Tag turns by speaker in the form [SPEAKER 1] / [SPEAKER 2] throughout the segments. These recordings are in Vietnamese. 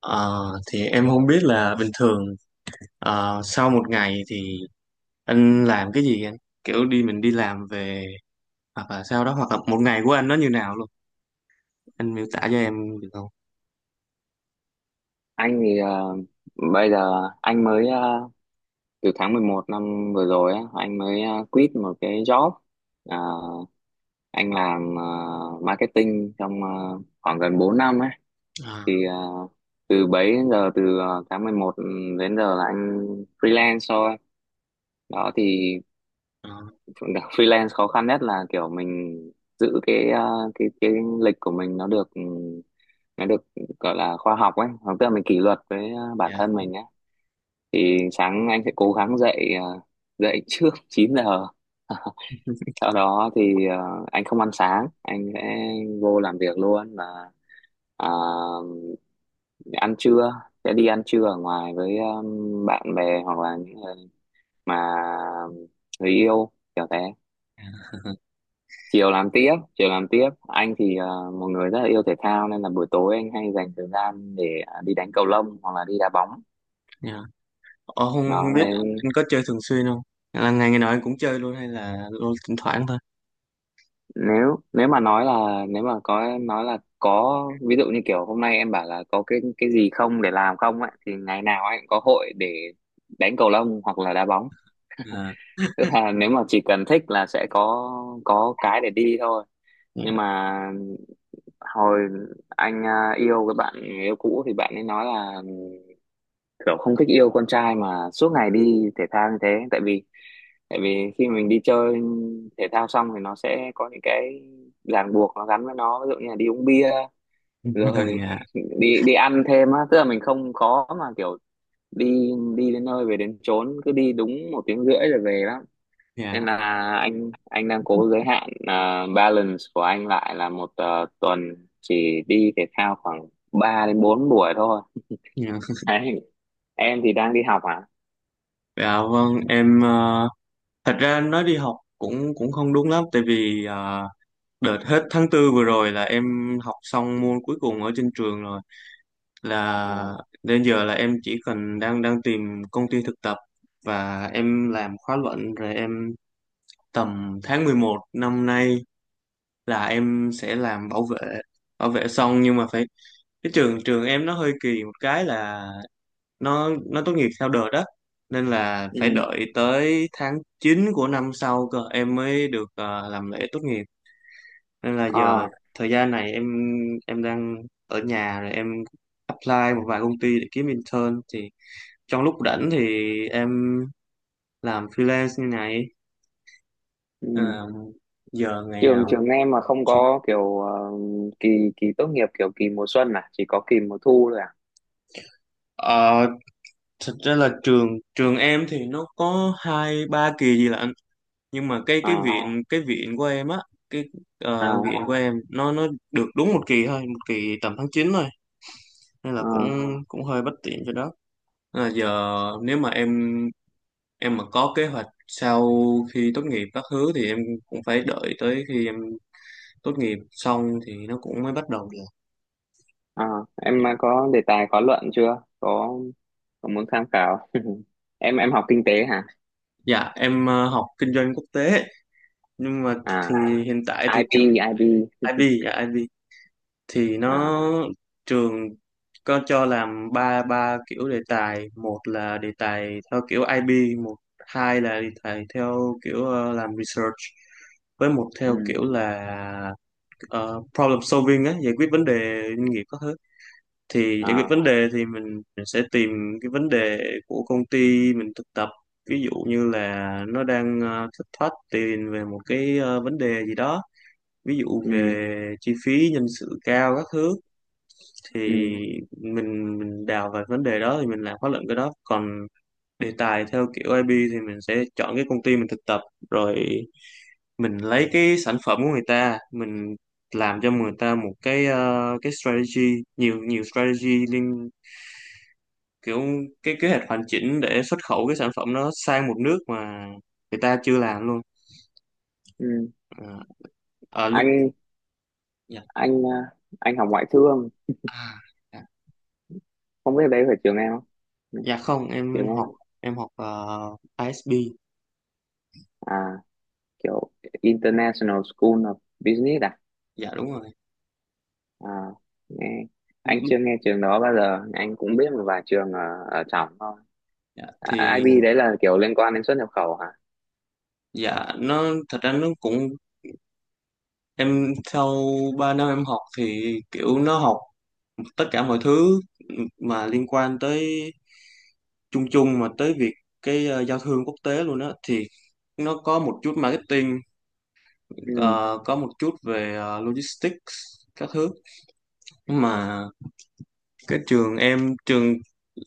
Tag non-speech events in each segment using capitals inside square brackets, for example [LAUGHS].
[SPEAKER 1] Ờ, thì em không biết là bình thường sau một ngày thì anh làm cái gì anh? Kiểu mình đi làm về, hoặc là sau đó, hoặc là một ngày của anh nó như nào luôn. Anh miêu tả cho em được không?
[SPEAKER 2] Anh thì bây giờ anh mới từ tháng 11 năm vừa rồi á, anh mới quit một cái job. Ờ, anh làm marketing trong khoảng gần 4 năm ấy.
[SPEAKER 1] À,
[SPEAKER 2] Thì từ bấy đến giờ từ tháng 11 đến giờ là anh freelance thôi. Đó thì
[SPEAKER 1] à,
[SPEAKER 2] [LAUGHS] freelance khó khăn nhất là kiểu mình giữ cái ờ, cái lịch của mình nó được gọi là khoa học ấy, tức là mình kỷ luật với bản
[SPEAKER 1] dạ,
[SPEAKER 2] thân mình ấy thì sáng anh sẽ cố gắng dậy trước [LAUGHS] 9 giờ, sau đó anh không ăn sáng, anh sẽ vô làm việc luôn à, ăn trưa sẽ đi ăn trưa ở ngoài với bạn bè hoặc là những người mà người yêu kiểu thế, chiều làm tiếp anh một người rất là yêu thể thao nên là buổi tối anh hay dành thời gian đi đánh cầu lông hoặc là đi đá bóng,
[SPEAKER 1] dạ. Ờ, không
[SPEAKER 2] đó
[SPEAKER 1] biết
[SPEAKER 2] nên
[SPEAKER 1] anh có chơi thường xuyên không? Là ngày ngày nào anh cũng chơi luôn, hay là thỉnh thoảng thôi?
[SPEAKER 2] nếu nếu mà nói là nếu mà có nói là có ví dụ như kiểu hôm nay em bảo là có cái gì không để làm không ấy thì ngày nào anh cũng có hội để đánh cầu lông hoặc là đá bóng,
[SPEAKER 1] À,
[SPEAKER 2] tức là nếu mà chỉ cần thích là sẽ có cái để đi thôi.
[SPEAKER 1] dạ,
[SPEAKER 2] Nhưng mà hồi yêu cái bạn người yêu cũ thì bạn ấy nói là kiểu không thích yêu con trai mà suốt ngày đi thể thao như thế, tại vì khi mình đi chơi thể thao xong thì nó sẽ có những cái ràng buộc nó gắn với nó, ví dụ như là đi uống bia
[SPEAKER 1] [LAUGHS]
[SPEAKER 2] rồi
[SPEAKER 1] dạ,
[SPEAKER 2] [LAUGHS] đi đi ăn thêm á, tức là mình không có mà kiểu đi đi đến nơi về đến chốn cứ đi đúng một tiếng rưỡi rồi về lắm, nên
[SPEAKER 1] dạ.
[SPEAKER 2] là anh đang cố giới hạn balance của anh lại là một tuần chỉ đi thể thao khoảng 3 đến 4 buổi thôi.
[SPEAKER 1] Dạ.
[SPEAKER 2] Đấy. Em thì đang đi học à.
[SPEAKER 1] Dạ vâng, em thật ra nói đi học cũng cũng không đúng lắm, tại vì đợt hết tháng 4 vừa rồi là em học xong môn cuối cùng ở trên trường rồi,
[SPEAKER 2] Ừ.
[SPEAKER 1] là đến giờ là em chỉ cần đang đang tìm công ty thực tập và em làm khóa luận, rồi em tầm tháng 11 năm nay là em sẽ làm bảo vệ. Bảo vệ xong, nhưng mà phải, cái trường trường em nó hơi kỳ một cái là nó tốt nghiệp theo đợt đó, nên là phải
[SPEAKER 2] Ừ.
[SPEAKER 1] đợi tới tháng 9 của năm sau cơ em mới được làm lễ tốt nghiệp. Nên là
[SPEAKER 2] Ờ.
[SPEAKER 1] giờ thời gian này em đang ở nhà, rồi em apply một vài công ty để kiếm intern, thì trong lúc rảnh thì em làm freelance như này.
[SPEAKER 2] Ừ.
[SPEAKER 1] Ờ, Giờ ngày
[SPEAKER 2] trường
[SPEAKER 1] nào
[SPEAKER 2] trường em mà không
[SPEAKER 1] chứ.
[SPEAKER 2] có kiểu kỳ kỳ tốt nghiệp kiểu kỳ mùa xuân à, chỉ có kỳ mùa thu thôi À.
[SPEAKER 1] Ờ, Thật ra là trường trường em thì nó có hai ba kỳ gì lận, nhưng mà cái
[SPEAKER 2] À.
[SPEAKER 1] viện, của em á, cái
[SPEAKER 2] À.
[SPEAKER 1] viện của em nó được đúng một kỳ thôi, một kỳ tầm tháng 9 thôi. Nên là cũng
[SPEAKER 2] À.
[SPEAKER 1] cũng hơi bất tiện cho đó. Nên là giờ, nếu mà em mà có kế hoạch sau khi tốt nghiệp các thứ thì em cũng phải đợi tới khi em tốt nghiệp xong thì nó cũng mới bắt đầu được.
[SPEAKER 2] À. Em có đề tài có luận chưa? Có, có muốn tham khảo. [LAUGHS] Em học kinh tế hả?
[SPEAKER 1] Dạ, em học kinh doanh quốc tế, nhưng mà thì hiện tại
[SPEAKER 2] À,
[SPEAKER 1] thì
[SPEAKER 2] IB.
[SPEAKER 1] trường,
[SPEAKER 2] IB. [LAUGHS]
[SPEAKER 1] IB, dạ IB, thì
[SPEAKER 2] À.
[SPEAKER 1] nó, trường có cho làm ba ba kiểu đề tài. Một là đề tài theo kiểu IB, hai là đề tài theo kiểu làm research, với một theo
[SPEAKER 2] Ừ.
[SPEAKER 1] kiểu là ờ, problem solving á, giải quyết vấn đề doanh nghiệp các thứ. Thì những cái
[SPEAKER 2] À.
[SPEAKER 1] vấn đề thì mình sẽ tìm cái vấn đề của công ty mình thực tập, ví dụ như là nó đang thất thoát tiền về một cái vấn đề gì đó, ví dụ
[SPEAKER 2] Ừ.
[SPEAKER 1] về chi phí nhân sự cao các thứ, thì
[SPEAKER 2] Ừ.
[SPEAKER 1] mình đào về vấn đề đó thì mình làm khóa luận cái đó. Còn đề tài theo kiểu IB thì mình sẽ chọn cái công ty mình thực tập, rồi mình lấy cái sản phẩm của người ta, mình làm cho người ta một cái cái strategy, nhiều nhiều strategy liên, kiểu cái kế hoạch hoàn chỉnh để xuất khẩu cái sản phẩm nó sang một nước mà người ta chưa làm luôn.
[SPEAKER 2] Ừ.
[SPEAKER 1] À, à, lúc,
[SPEAKER 2] anh
[SPEAKER 1] dạ.
[SPEAKER 2] anh ờ, anh học ngoại thương,
[SPEAKER 1] À, dạ.
[SPEAKER 2] không biết đấy phải trường em không? Ừ,
[SPEAKER 1] Dạ không,
[SPEAKER 2] trường em.
[SPEAKER 1] em học ISB.
[SPEAKER 2] À, kiểu International School of Business à?
[SPEAKER 1] Dạ đúng rồi.
[SPEAKER 2] À, nghe.
[SPEAKER 1] lúc
[SPEAKER 2] Anh
[SPEAKER 1] lúc
[SPEAKER 2] chưa nghe trường đó bao giờ, anh cũng biết một vài trường ở trong thôi.
[SPEAKER 1] dạ.
[SPEAKER 2] À,
[SPEAKER 1] Thì
[SPEAKER 2] IB đấy là kiểu liên quan đến xuất nhập khẩu hả?
[SPEAKER 1] dạ nó, thật ra nó cũng, em sau 3 năm em học thì kiểu nó học tất cả mọi thứ mà liên quan tới, chung chung mà tới việc cái giao thương quốc tế luôn á. Thì nó có một chút marketing,
[SPEAKER 2] Ừ.
[SPEAKER 1] ờ, có một chút về logistics các thứ, nhưng mà cái trường em, trường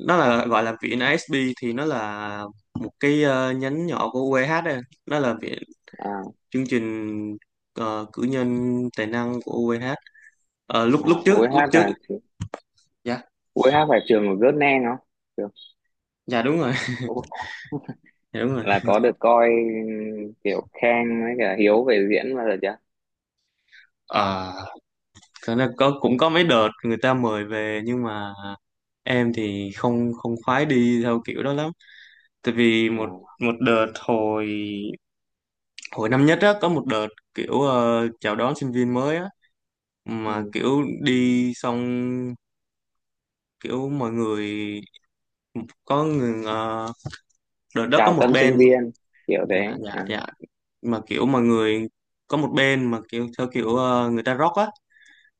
[SPEAKER 1] nó là gọi là viện ISB, thì nó là một cái nhánh nhỏ của UEH đây. Nó là viện,
[SPEAKER 2] À.
[SPEAKER 1] chương trình cử nhân tài năng của UEH. Ờ, lúc lúc
[SPEAKER 2] À.
[SPEAKER 1] trước Lúc
[SPEAKER 2] UH
[SPEAKER 1] trước,
[SPEAKER 2] là
[SPEAKER 1] dạ,
[SPEAKER 2] UH phải trường của Vietnam không? Trường.
[SPEAKER 1] dạ đúng rồi. [LAUGHS]
[SPEAKER 2] Ủa,
[SPEAKER 1] dạ đúng rồi.
[SPEAKER 2] là có được coi kiểu Khang với cả Hiếu về diễn bao giờ chưa?
[SPEAKER 1] Ờ, Thật ra có, cũng có mấy đợt người ta mời về, nhưng mà em thì không không khoái đi theo kiểu đó lắm. Tại vì một,
[SPEAKER 2] À.
[SPEAKER 1] đợt hồi hồi năm nhất á, có một đợt kiểu chào đón sinh viên mới á, mà
[SPEAKER 2] Ừ.
[SPEAKER 1] kiểu đi xong kiểu mọi người có người đợt đó có
[SPEAKER 2] Chào
[SPEAKER 1] một
[SPEAKER 2] tân sinh
[SPEAKER 1] bên,
[SPEAKER 2] viên kiểu thế.
[SPEAKER 1] dạ dạ
[SPEAKER 2] À.
[SPEAKER 1] dạ, mà kiểu mọi người có một bên mà kiểu theo kiểu người ta rock á,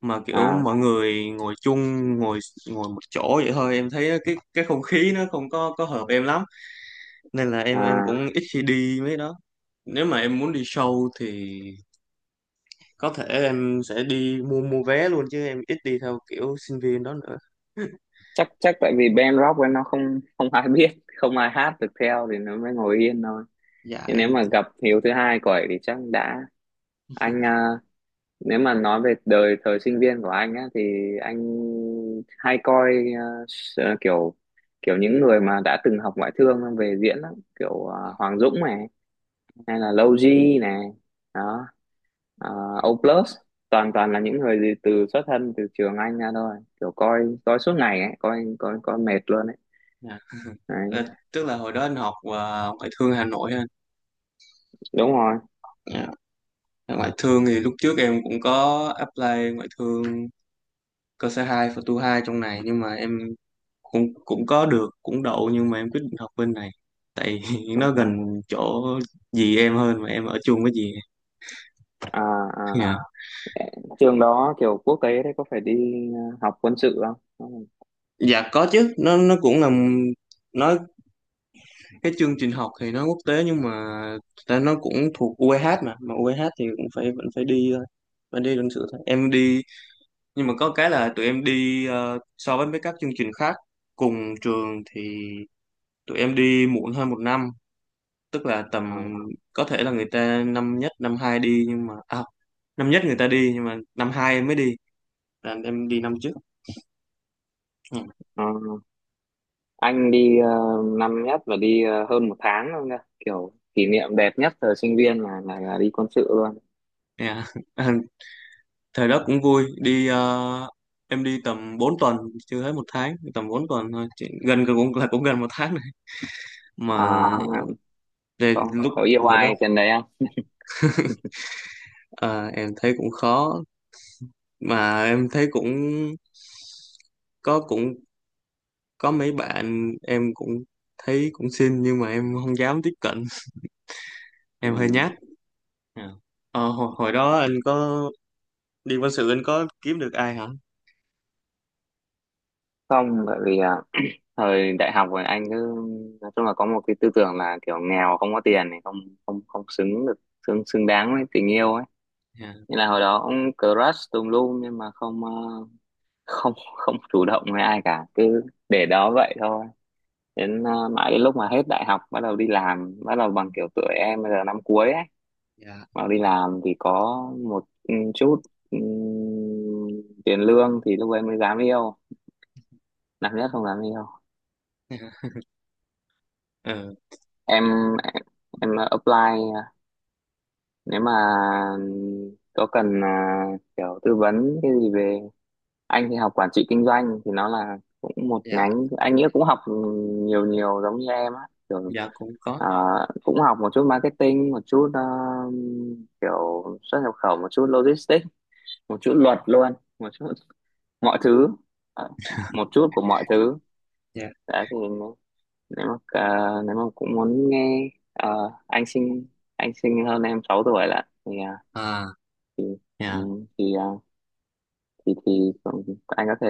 [SPEAKER 1] mà kiểu
[SPEAKER 2] À.
[SPEAKER 1] mọi người ngồi chung, ngồi ngồi một chỗ vậy thôi. Em thấy cái không khí nó không có hợp em lắm, nên là em
[SPEAKER 2] À.
[SPEAKER 1] cũng ít khi đi mấy đó. Nếu mà em muốn đi show thì có thể em sẽ đi mua mua vé luôn, chứ em ít đi theo kiểu sinh viên đó nữa. [LAUGHS]
[SPEAKER 2] Chắc chắc tại vì band rock ấy nó không không ai [LAUGHS] biết, không ai hát được theo thì nó mới ngồi yên thôi.
[SPEAKER 1] Dạ
[SPEAKER 2] Thế nếu
[SPEAKER 1] em.
[SPEAKER 2] mà gặp hiếu thứ hai của ấy thì chắc đã, anh à, nếu mà nói về đời thời sinh viên của anh á thì anh hay coi à, kiểu kiểu những người mà đã từng học ngoại thương về diễn lắm, Hoàng Dũng này, hay là Lâu G này, đó, à, O Plus, toàn toàn là những người gì từ xuất thân từ trường anh ra thôi, kiểu coi coi suốt ngày ấy, coi coi coi mệt luôn ấy.
[SPEAKER 1] Dạ. Ờ,
[SPEAKER 2] Đấy,
[SPEAKER 1] Tức là hồi đó anh học và ngoại thương Hà Nội ha.
[SPEAKER 2] đúng rồi.
[SPEAKER 1] Dạ. Ngoại thương thì lúc trước em cũng có apply ngoại thương cơ sở 2, và tu 2 trong này, nhưng mà em cũng cũng có được, cũng đậu, nhưng mà em quyết định học bên này tại [LAUGHS]
[SPEAKER 2] Ừ.
[SPEAKER 1] nó gần chỗ dì em hơn, mà em ở chung với dì em.
[SPEAKER 2] À. À.
[SPEAKER 1] Dạ,
[SPEAKER 2] Trường đó kiểu quốc tế đấy có phải đi học quân sự không?
[SPEAKER 1] dạ có chứ, nó cũng là, nó cái chương trình học thì nó quốc tế, nhưng mà ta nó cũng thuộc UEH, mà UEH thì cũng phải, vẫn phải đi thôi. Vẫn đi luận sự thôi, em đi, nhưng mà có cái là tụi em đi so với mấy các chương trình khác cùng trường thì tụi em đi muộn hơn một năm. Tức là
[SPEAKER 2] Ờ.
[SPEAKER 1] tầm, có thể là người ta năm nhất năm hai đi, nhưng mà năm nhất người ta đi nhưng mà năm hai em mới đi, là em đi năm trước. Ừ,
[SPEAKER 2] Ờ. Anh đi năm nhất và đi hơn một tháng luôn nha, kiểu kỷ niệm đẹp nhất thời sinh viên là đi quân sự luôn.
[SPEAKER 1] yeah. [LAUGHS] Thời đó cũng vui. Đi em đi tầm 4 tuần, chưa hết một tháng, tầm 4 tuần thôi. Gần gần cũng là, cũng gần một tháng này mà.
[SPEAKER 2] À, nhưng mà
[SPEAKER 1] Về
[SPEAKER 2] có
[SPEAKER 1] lúc
[SPEAKER 2] có yêu
[SPEAKER 1] hồi đó
[SPEAKER 2] ai trên đấy không?
[SPEAKER 1] ờ, em thấy cũng khó, mà em thấy cũng có, cũng có mấy bạn em cũng thấy cũng xinh, nhưng mà em không dám tiếp cận,
[SPEAKER 2] Ừ.
[SPEAKER 1] em hơi nhát. Dạ. Hồi đó anh có đi quân sự anh có kiếm được ai hả.
[SPEAKER 2] Không, bởi vì thời đại học rồi anh cứ nói chung là có một cái tư tưởng là kiểu nghèo không có tiền thì không không không xứng được, xứng xứng đáng với tình yêu ấy,
[SPEAKER 1] Dạ,
[SPEAKER 2] nên là hồi đó cũng crush tùm lum nhưng mà không ờ, không không chủ động với ai cả, cứ để đó vậy thôi, mãi đến lúc mà hết đại học bắt đầu đi làm, bắt đầu bằng kiểu tuổi em bây giờ năm cuối ấy,
[SPEAKER 1] dạ,
[SPEAKER 2] bắt đầu đi làm thì có một chút ừ, tiền lương thì lúc ấy mới dám yêu. Năm nhất không dám yêu.
[SPEAKER 1] [LAUGHS] dạ. Ờ,
[SPEAKER 2] Em em, em apply, nếu mà có cần kiểu tư vấn cái gì về, anh thì học quản trị kinh doanh thì nó là cũng một
[SPEAKER 1] dạ,
[SPEAKER 2] nhánh anh nghĩa cũng học nhiều nhiều giống như em á, kiểu
[SPEAKER 1] dạ cũng có.
[SPEAKER 2] à, cũng học một chút marketing, một chút kiểu xuất nhập khẩu, một chút logistics, một chút luật luôn, một chút [LAUGHS] mọi thứ. Ờ, Một chút của mọi thứ.
[SPEAKER 1] Dạ,
[SPEAKER 2] Đã thì nếu nếu mà à, nếu mà cũng muốn nghe anh sinh hơn em 6 tuổi là thì
[SPEAKER 1] à,
[SPEAKER 2] ừ,
[SPEAKER 1] dạ,
[SPEAKER 2] thì thì thì anh có thể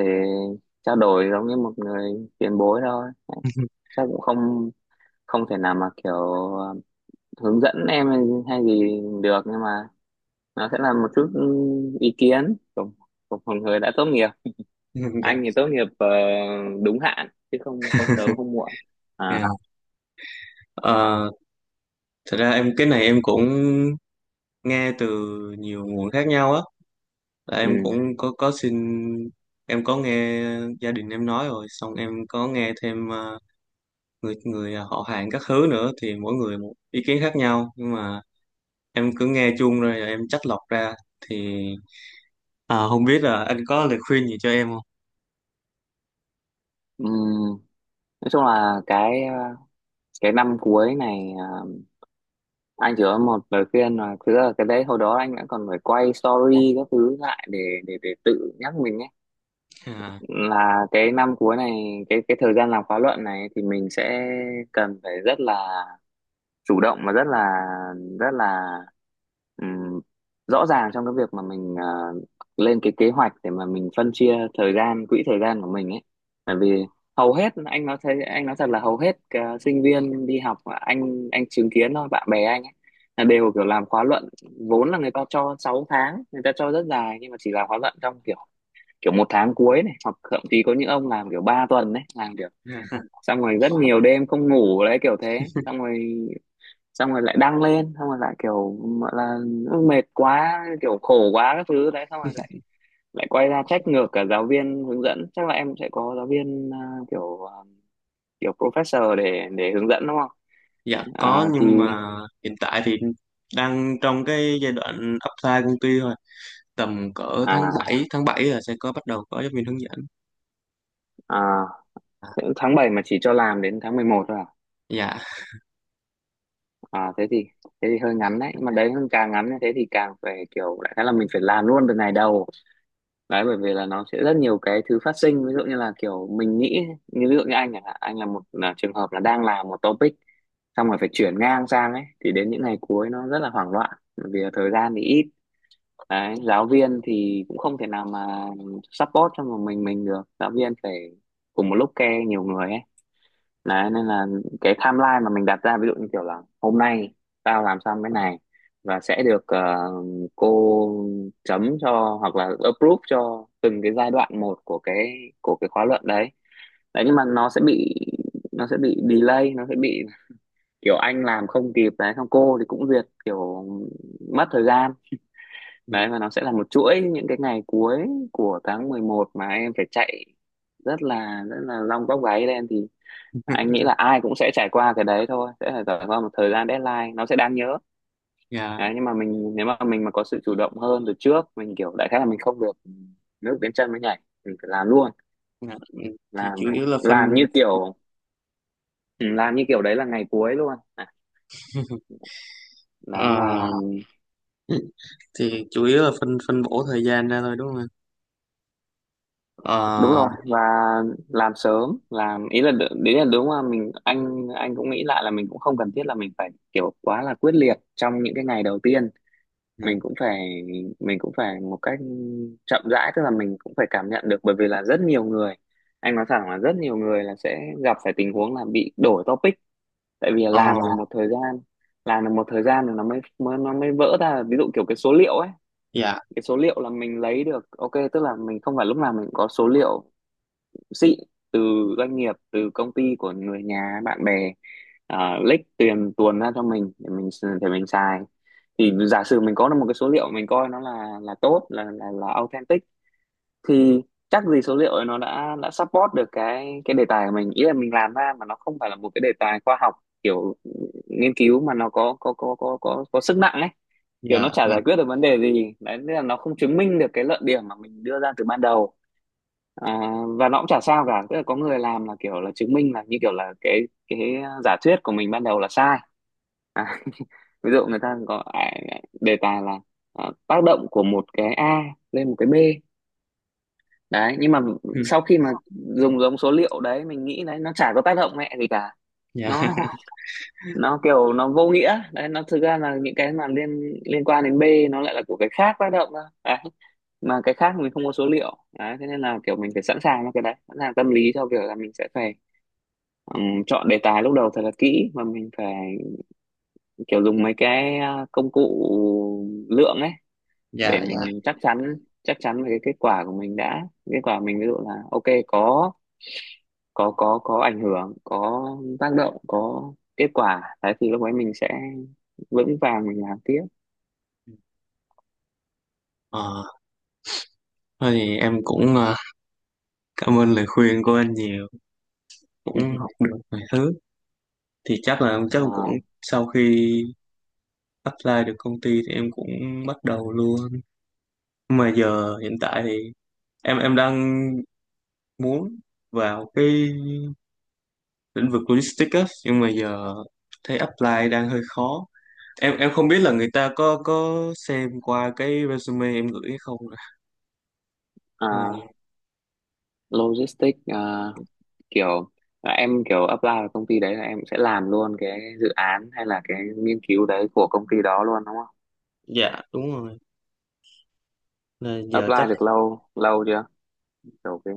[SPEAKER 2] trao đổi giống như một người tiền bối thôi,
[SPEAKER 1] [LAUGHS]
[SPEAKER 2] chắc cũng không không thể nào mà à, hướng dẫn em hay hay gì được, nhưng mà nó sẽ là một chút ý kiến của một người đã tốt nghiệp.
[SPEAKER 1] dạ.
[SPEAKER 2] Anh thì tốt nghiệp đúng hạn chứ không không sớm không muộn. À.
[SPEAKER 1] Yeah. Ờ, Thật ra em, cái này em cũng nghe từ nhiều nguồn khác nhau á. Là em
[SPEAKER 2] Ừ.
[SPEAKER 1] cũng có xin, em có nghe gia đình em nói rồi, xong em có nghe thêm người người họ hàng các thứ nữa, thì mỗi người một ý kiến khác nhau, nhưng mà em cứ nghe chung rồi em chắt lọc ra. Thì ờ, không biết là anh có lời khuyên gì cho em không?
[SPEAKER 2] Ừm, nói chung là cái năm cuối này anh chỉ có một lời khuyên là thực ra là cái đấy hồi đó anh đã còn phải quay story các thứ lại để tự nhắc mình ấy,
[SPEAKER 1] À.
[SPEAKER 2] là cái năm cuối này, cái thời gian làm khóa luận này thì mình sẽ cần phải rất là chủ động và rất là Ừm, rõ ràng trong cái việc mà mình lên cái kế hoạch để mà mình phân chia thời gian, quỹ thời gian của mình ấy, bởi vì hầu hết, anh nói, thật là hầu hết sinh viên đi học mà anh chứng kiến thôi, bạn bè anh ấy, là đều kiểu làm khóa luận, vốn là người ta cho 6 tháng, người ta cho rất dài nhưng mà chỉ làm khóa luận trong kiểu kiểu một tháng cuối này, hoặc thậm chí có những ông làm kiểu 3 tuần đấy, làm kiểu
[SPEAKER 1] [LAUGHS]
[SPEAKER 2] xong rồi rất nhiều đêm không ngủ đấy, kiểu thế, xong rồi lại đăng lên, xong rồi lại kiểu gọi là mệt quá kiểu khổ quá các thứ đấy, xong rồi lại lại quay ra trách ngược cả giáo viên hướng dẫn. Chắc là em sẽ có giáo viên kiểu professor để hướng dẫn đúng không?
[SPEAKER 1] Dạ có,
[SPEAKER 2] à,
[SPEAKER 1] nhưng
[SPEAKER 2] thì
[SPEAKER 1] mà hiện tại thì đang trong cái giai đoạn apply công ty thôi. Tầm cỡ tháng
[SPEAKER 2] à,
[SPEAKER 1] bảy là sẽ có, bắt đầu có giáo viên hướng dẫn.
[SPEAKER 2] à,
[SPEAKER 1] à,
[SPEAKER 2] Tháng bảy mà chỉ cho làm đến tháng 11 thôi à?
[SPEAKER 1] dạ,
[SPEAKER 2] à thế thì thế thì hơi ngắn đấy, nhưng mà đấy càng ngắn như thế thì càng phải kiểu đại khái là mình phải làm luôn từ ngày đầu, đấy, bởi vì là nó sẽ rất nhiều cái thứ phát sinh, ví dụ như là kiểu mình nghĩ như ví dụ như anh chẳng hạn, anh là trường hợp là đang làm một topic xong rồi phải chuyển ngang sang ấy thì đến những ngày cuối nó rất là hoảng loạn, bởi vì là thời gian thì ít đấy, giáo viên thì cũng không thể nào mà support cho một mình được, giáo viên phải cùng một lúc care nhiều người ấy. Đấy, nên là cái timeline mà mình đặt ra ví dụ như kiểu là hôm nay tao làm xong cái này và sẽ được cô chấm cho hoặc là approve cho từng cái giai đoạn một của cái khóa luận đấy. Đấy nhưng mà nó sẽ bị delay, nó sẽ bị kiểu anh làm không kịp đấy, xong cô thì cũng duyệt kiểu mất thời gian
[SPEAKER 1] dạ,
[SPEAKER 2] đấy, và nó sẽ là một chuỗi những cái ngày cuối của tháng 11 mà em phải chạy rất là long tóc gáy lên. Thì anh nghĩ là ai cũng sẽ trải qua cái đấy thôi, sẽ phải trải qua một thời gian deadline nó sẽ đáng nhớ
[SPEAKER 1] dạ,
[SPEAKER 2] đấy. Nhưng mà mình nếu mà mình mà có sự chủ động hơn từ trước, mình kiểu đại khái là mình không được nước đến chân mới nhảy, mình phải làm luôn.
[SPEAKER 1] dạ. Ừ, thì
[SPEAKER 2] làm
[SPEAKER 1] chủ yếu là phân,
[SPEAKER 2] làm như kiểu ừ, làm như kiểu đấy là ngày cuối luôn.
[SPEAKER 1] [LAUGHS]
[SPEAKER 2] Đấy
[SPEAKER 1] ờ,
[SPEAKER 2] là
[SPEAKER 1] thì chủ yếu là phân phân bổ thời gian ra thôi, đúng không anh?
[SPEAKER 2] đúng
[SPEAKER 1] Ờ.
[SPEAKER 2] rồi. Và làm sớm, làm ý là đấy là đúng. Mà mình, anh cũng nghĩ lại là mình cũng không cần thiết là mình phải kiểu quá là quyết liệt trong những cái ngày đầu tiên.
[SPEAKER 1] Dạ,
[SPEAKER 2] Mình cũng phải mình cũng phải một cách chậm rãi, tức là mình cũng phải cảm nhận được. Bởi vì là rất nhiều người, anh nói thẳng là rất nhiều người là sẽ gặp phải tình huống là bị đổi topic. Tại vì là
[SPEAKER 1] ờ,
[SPEAKER 2] làm được một thời gian làm được một thời gian rồi nó mới, nó mới vỡ ra. Ví dụ kiểu cái số liệu ấy,
[SPEAKER 1] dạ,
[SPEAKER 2] cái số liệu là mình lấy được ok, tức là mình không phải lúc nào mình cũng có số liệu xịn từ doanh nghiệp, từ công ty của người nhà bạn bè, lích tiền tuồn ra cho mình để mình để mình xài. Thì giả sử mình có được một cái số liệu mình coi nó là tốt, là authentic, thì chắc gì số liệu ấy nó đã support được cái đề tài của mình. Ý là mình làm ra mà nó không phải là một cái đề tài khoa học, kiểu nghiên cứu, mà nó có sức nặng ấy. Kiểu
[SPEAKER 1] dạ,
[SPEAKER 2] nó chả
[SPEAKER 1] dạ.
[SPEAKER 2] giải quyết được vấn đề gì đấy, nên là nó không chứng minh được cái luận điểm mà mình đưa ra từ ban đầu. À, và nó cũng chả sao cả. Tức là có người làm là kiểu là chứng minh là như kiểu là cái giả thuyết của mình ban đầu là sai. Ví dụ người ta có đề tài là tác động của một cái A lên một cái B đấy. Nhưng mà
[SPEAKER 1] Ừ,
[SPEAKER 2] sau khi mà dùng giống số liệu đấy mình nghĩ đấy, nó chả có tác động mẹ gì cả.
[SPEAKER 1] dạ,
[SPEAKER 2] nó
[SPEAKER 1] [LAUGHS]
[SPEAKER 2] nó kiểu nó vô nghĩa đấy. Nó thực ra là những cái mà liên liên quan đến B, nó lại là của cái khác tác động thôi đấy. Mà cái khác mình không có số liệu đấy, thế nên là kiểu mình phải sẵn sàng cho cái đấy, sẵn sàng tâm lý cho việc là mình sẽ phải. Chọn đề tài lúc đầu thật là kỹ, mà mình phải kiểu dùng mấy cái công cụ lượng ấy,
[SPEAKER 1] dạ,
[SPEAKER 2] để
[SPEAKER 1] dạ.
[SPEAKER 2] mình chắc chắn về cái kết quả của mình đã. Kết quả mình ví dụ là ok, có có ảnh hưởng, có tác động, có kết quả đấy, thì lúc ấy mình sẽ vững vàng mình làm tiếp.
[SPEAKER 1] Ờ thôi thì em cũng cảm ơn lời khuyên của anh nhiều, cũng
[SPEAKER 2] [LAUGHS]
[SPEAKER 1] học được vài thứ. Thì chắc là
[SPEAKER 2] Ừ.
[SPEAKER 1] cũng,
[SPEAKER 2] Ờ,
[SPEAKER 1] sau khi apply được công ty thì em cũng bắt đầu luôn. Mà giờ hiện tại thì em đang muốn vào cái lĩnh vực logistics á, nhưng mà giờ thấy apply đang hơi khó, em không biết là người ta có xem qua cái resume em gửi hay không.
[SPEAKER 2] ờ,
[SPEAKER 1] Ừ,
[SPEAKER 2] logistics. Ờ, Kiểu là em kiểu apply vào công ty đấy là em sẽ làm luôn cái dự án hay là cái nghiên cứu đấy của công ty đó luôn đúng không?
[SPEAKER 1] dạ đúng rồi. Là giờ chắc
[SPEAKER 2] Apply được lâu lâu chưa? Kiểu cái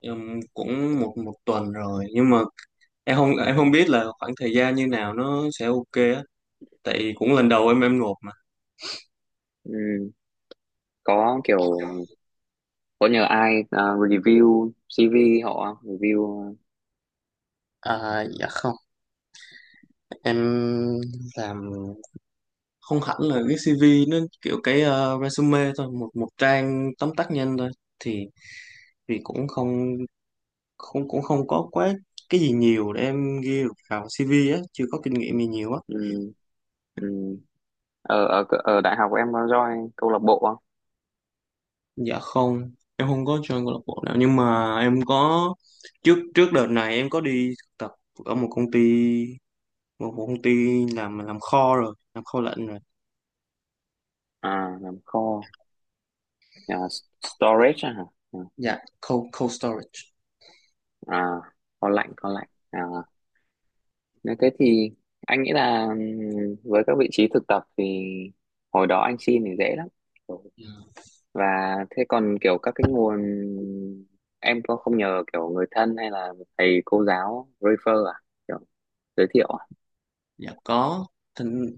[SPEAKER 1] em cũng một một tuần rồi, nhưng mà em không biết là khoảng thời gian như nào nó sẽ ok á, tại cũng lần đầu em nộp mà.
[SPEAKER 2] ừm, có kiểu có nhờ ai review CV họ không? Review
[SPEAKER 1] À, dạ không, em làm không hẳn là cái CV, nó kiểu cái resume thôi, một một trang tóm tắt nhanh thôi. Thì cũng không, cũng không có quá cái gì nhiều để em ghi được vào CV á, chưa có kinh nghiệm gì nhiều á.
[SPEAKER 2] ừm, ừm. ở, ở ở đại học em có join câu lạc bộ không?
[SPEAKER 1] Dạ không, em không có join câu lạc bộ nào, nhưng mà em có, trước trước đợt này em có đi thực tập ở một công ty, một công ty làm kho rồi, làm kho lạnh rồi.
[SPEAKER 2] À, làm kho. À, storage à, hả?
[SPEAKER 1] Dạ, cold cold storage.
[SPEAKER 2] À, kho lạnh à. Nếu thế thì anh nghĩ là với các vị trí thực tập thì hồi đó anh xin thì dễ lắm.
[SPEAKER 1] Dạ,
[SPEAKER 2] Và thế còn kiểu các cái nguồn, em có không nhờ kiểu người thân hay là thầy cô giáo refer à, kiểu giới thiệu à?
[SPEAKER 1] dạ có. Thỉnh-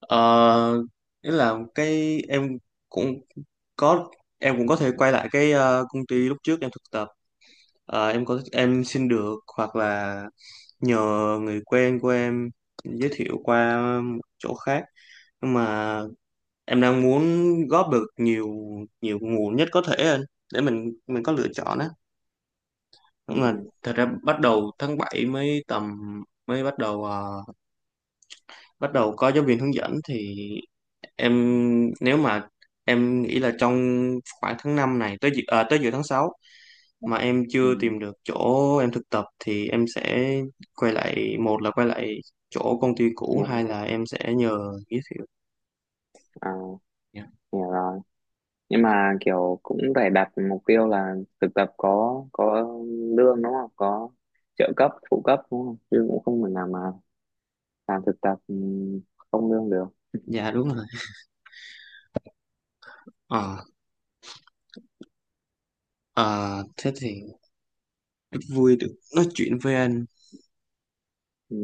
[SPEAKER 1] Ờ, Nghĩa là cái em, cũng có em cũng có thể quay lại cái công ty lúc trước em thực tập. Ờ, em có Em xin được, hoặc là nhờ người quen của em giới thiệu qua một chỗ khác, nhưng mà em đang muốn góp được nhiều nhiều nguồn nhất có thể lên để mình có lựa chọn á. Nhưng mà
[SPEAKER 2] Ừ,
[SPEAKER 1] thật ra bắt đầu tháng 7 mới tầm, mới bắt đầu bắt đầu có giáo viên hướng dẫn. Thì em, nếu mà em nghĩ là trong khoảng tháng 5 này tới tới giữa tháng 6 mà em
[SPEAKER 2] ừ,
[SPEAKER 1] chưa tìm được chỗ em thực tập thì em sẽ quay lại, một là quay lại chỗ công ty cũ,
[SPEAKER 2] nhưng,
[SPEAKER 1] hai là em sẽ nhờ giới thiệu.
[SPEAKER 2] à,
[SPEAKER 1] Dạ.
[SPEAKER 2] hiểu rồi. Nhưng mà kiểu cũng phải đặt mục tiêu là thực tập có lương đúng không, có trợ cấp phụ cấp đúng không, chứ cũng không thể nào mà làm thực tập không lương được.
[SPEAKER 1] Dạ, đúng rồi. ờ ờ, Thế thì rất vui được nói chuyện với anh.
[SPEAKER 2] Ừ.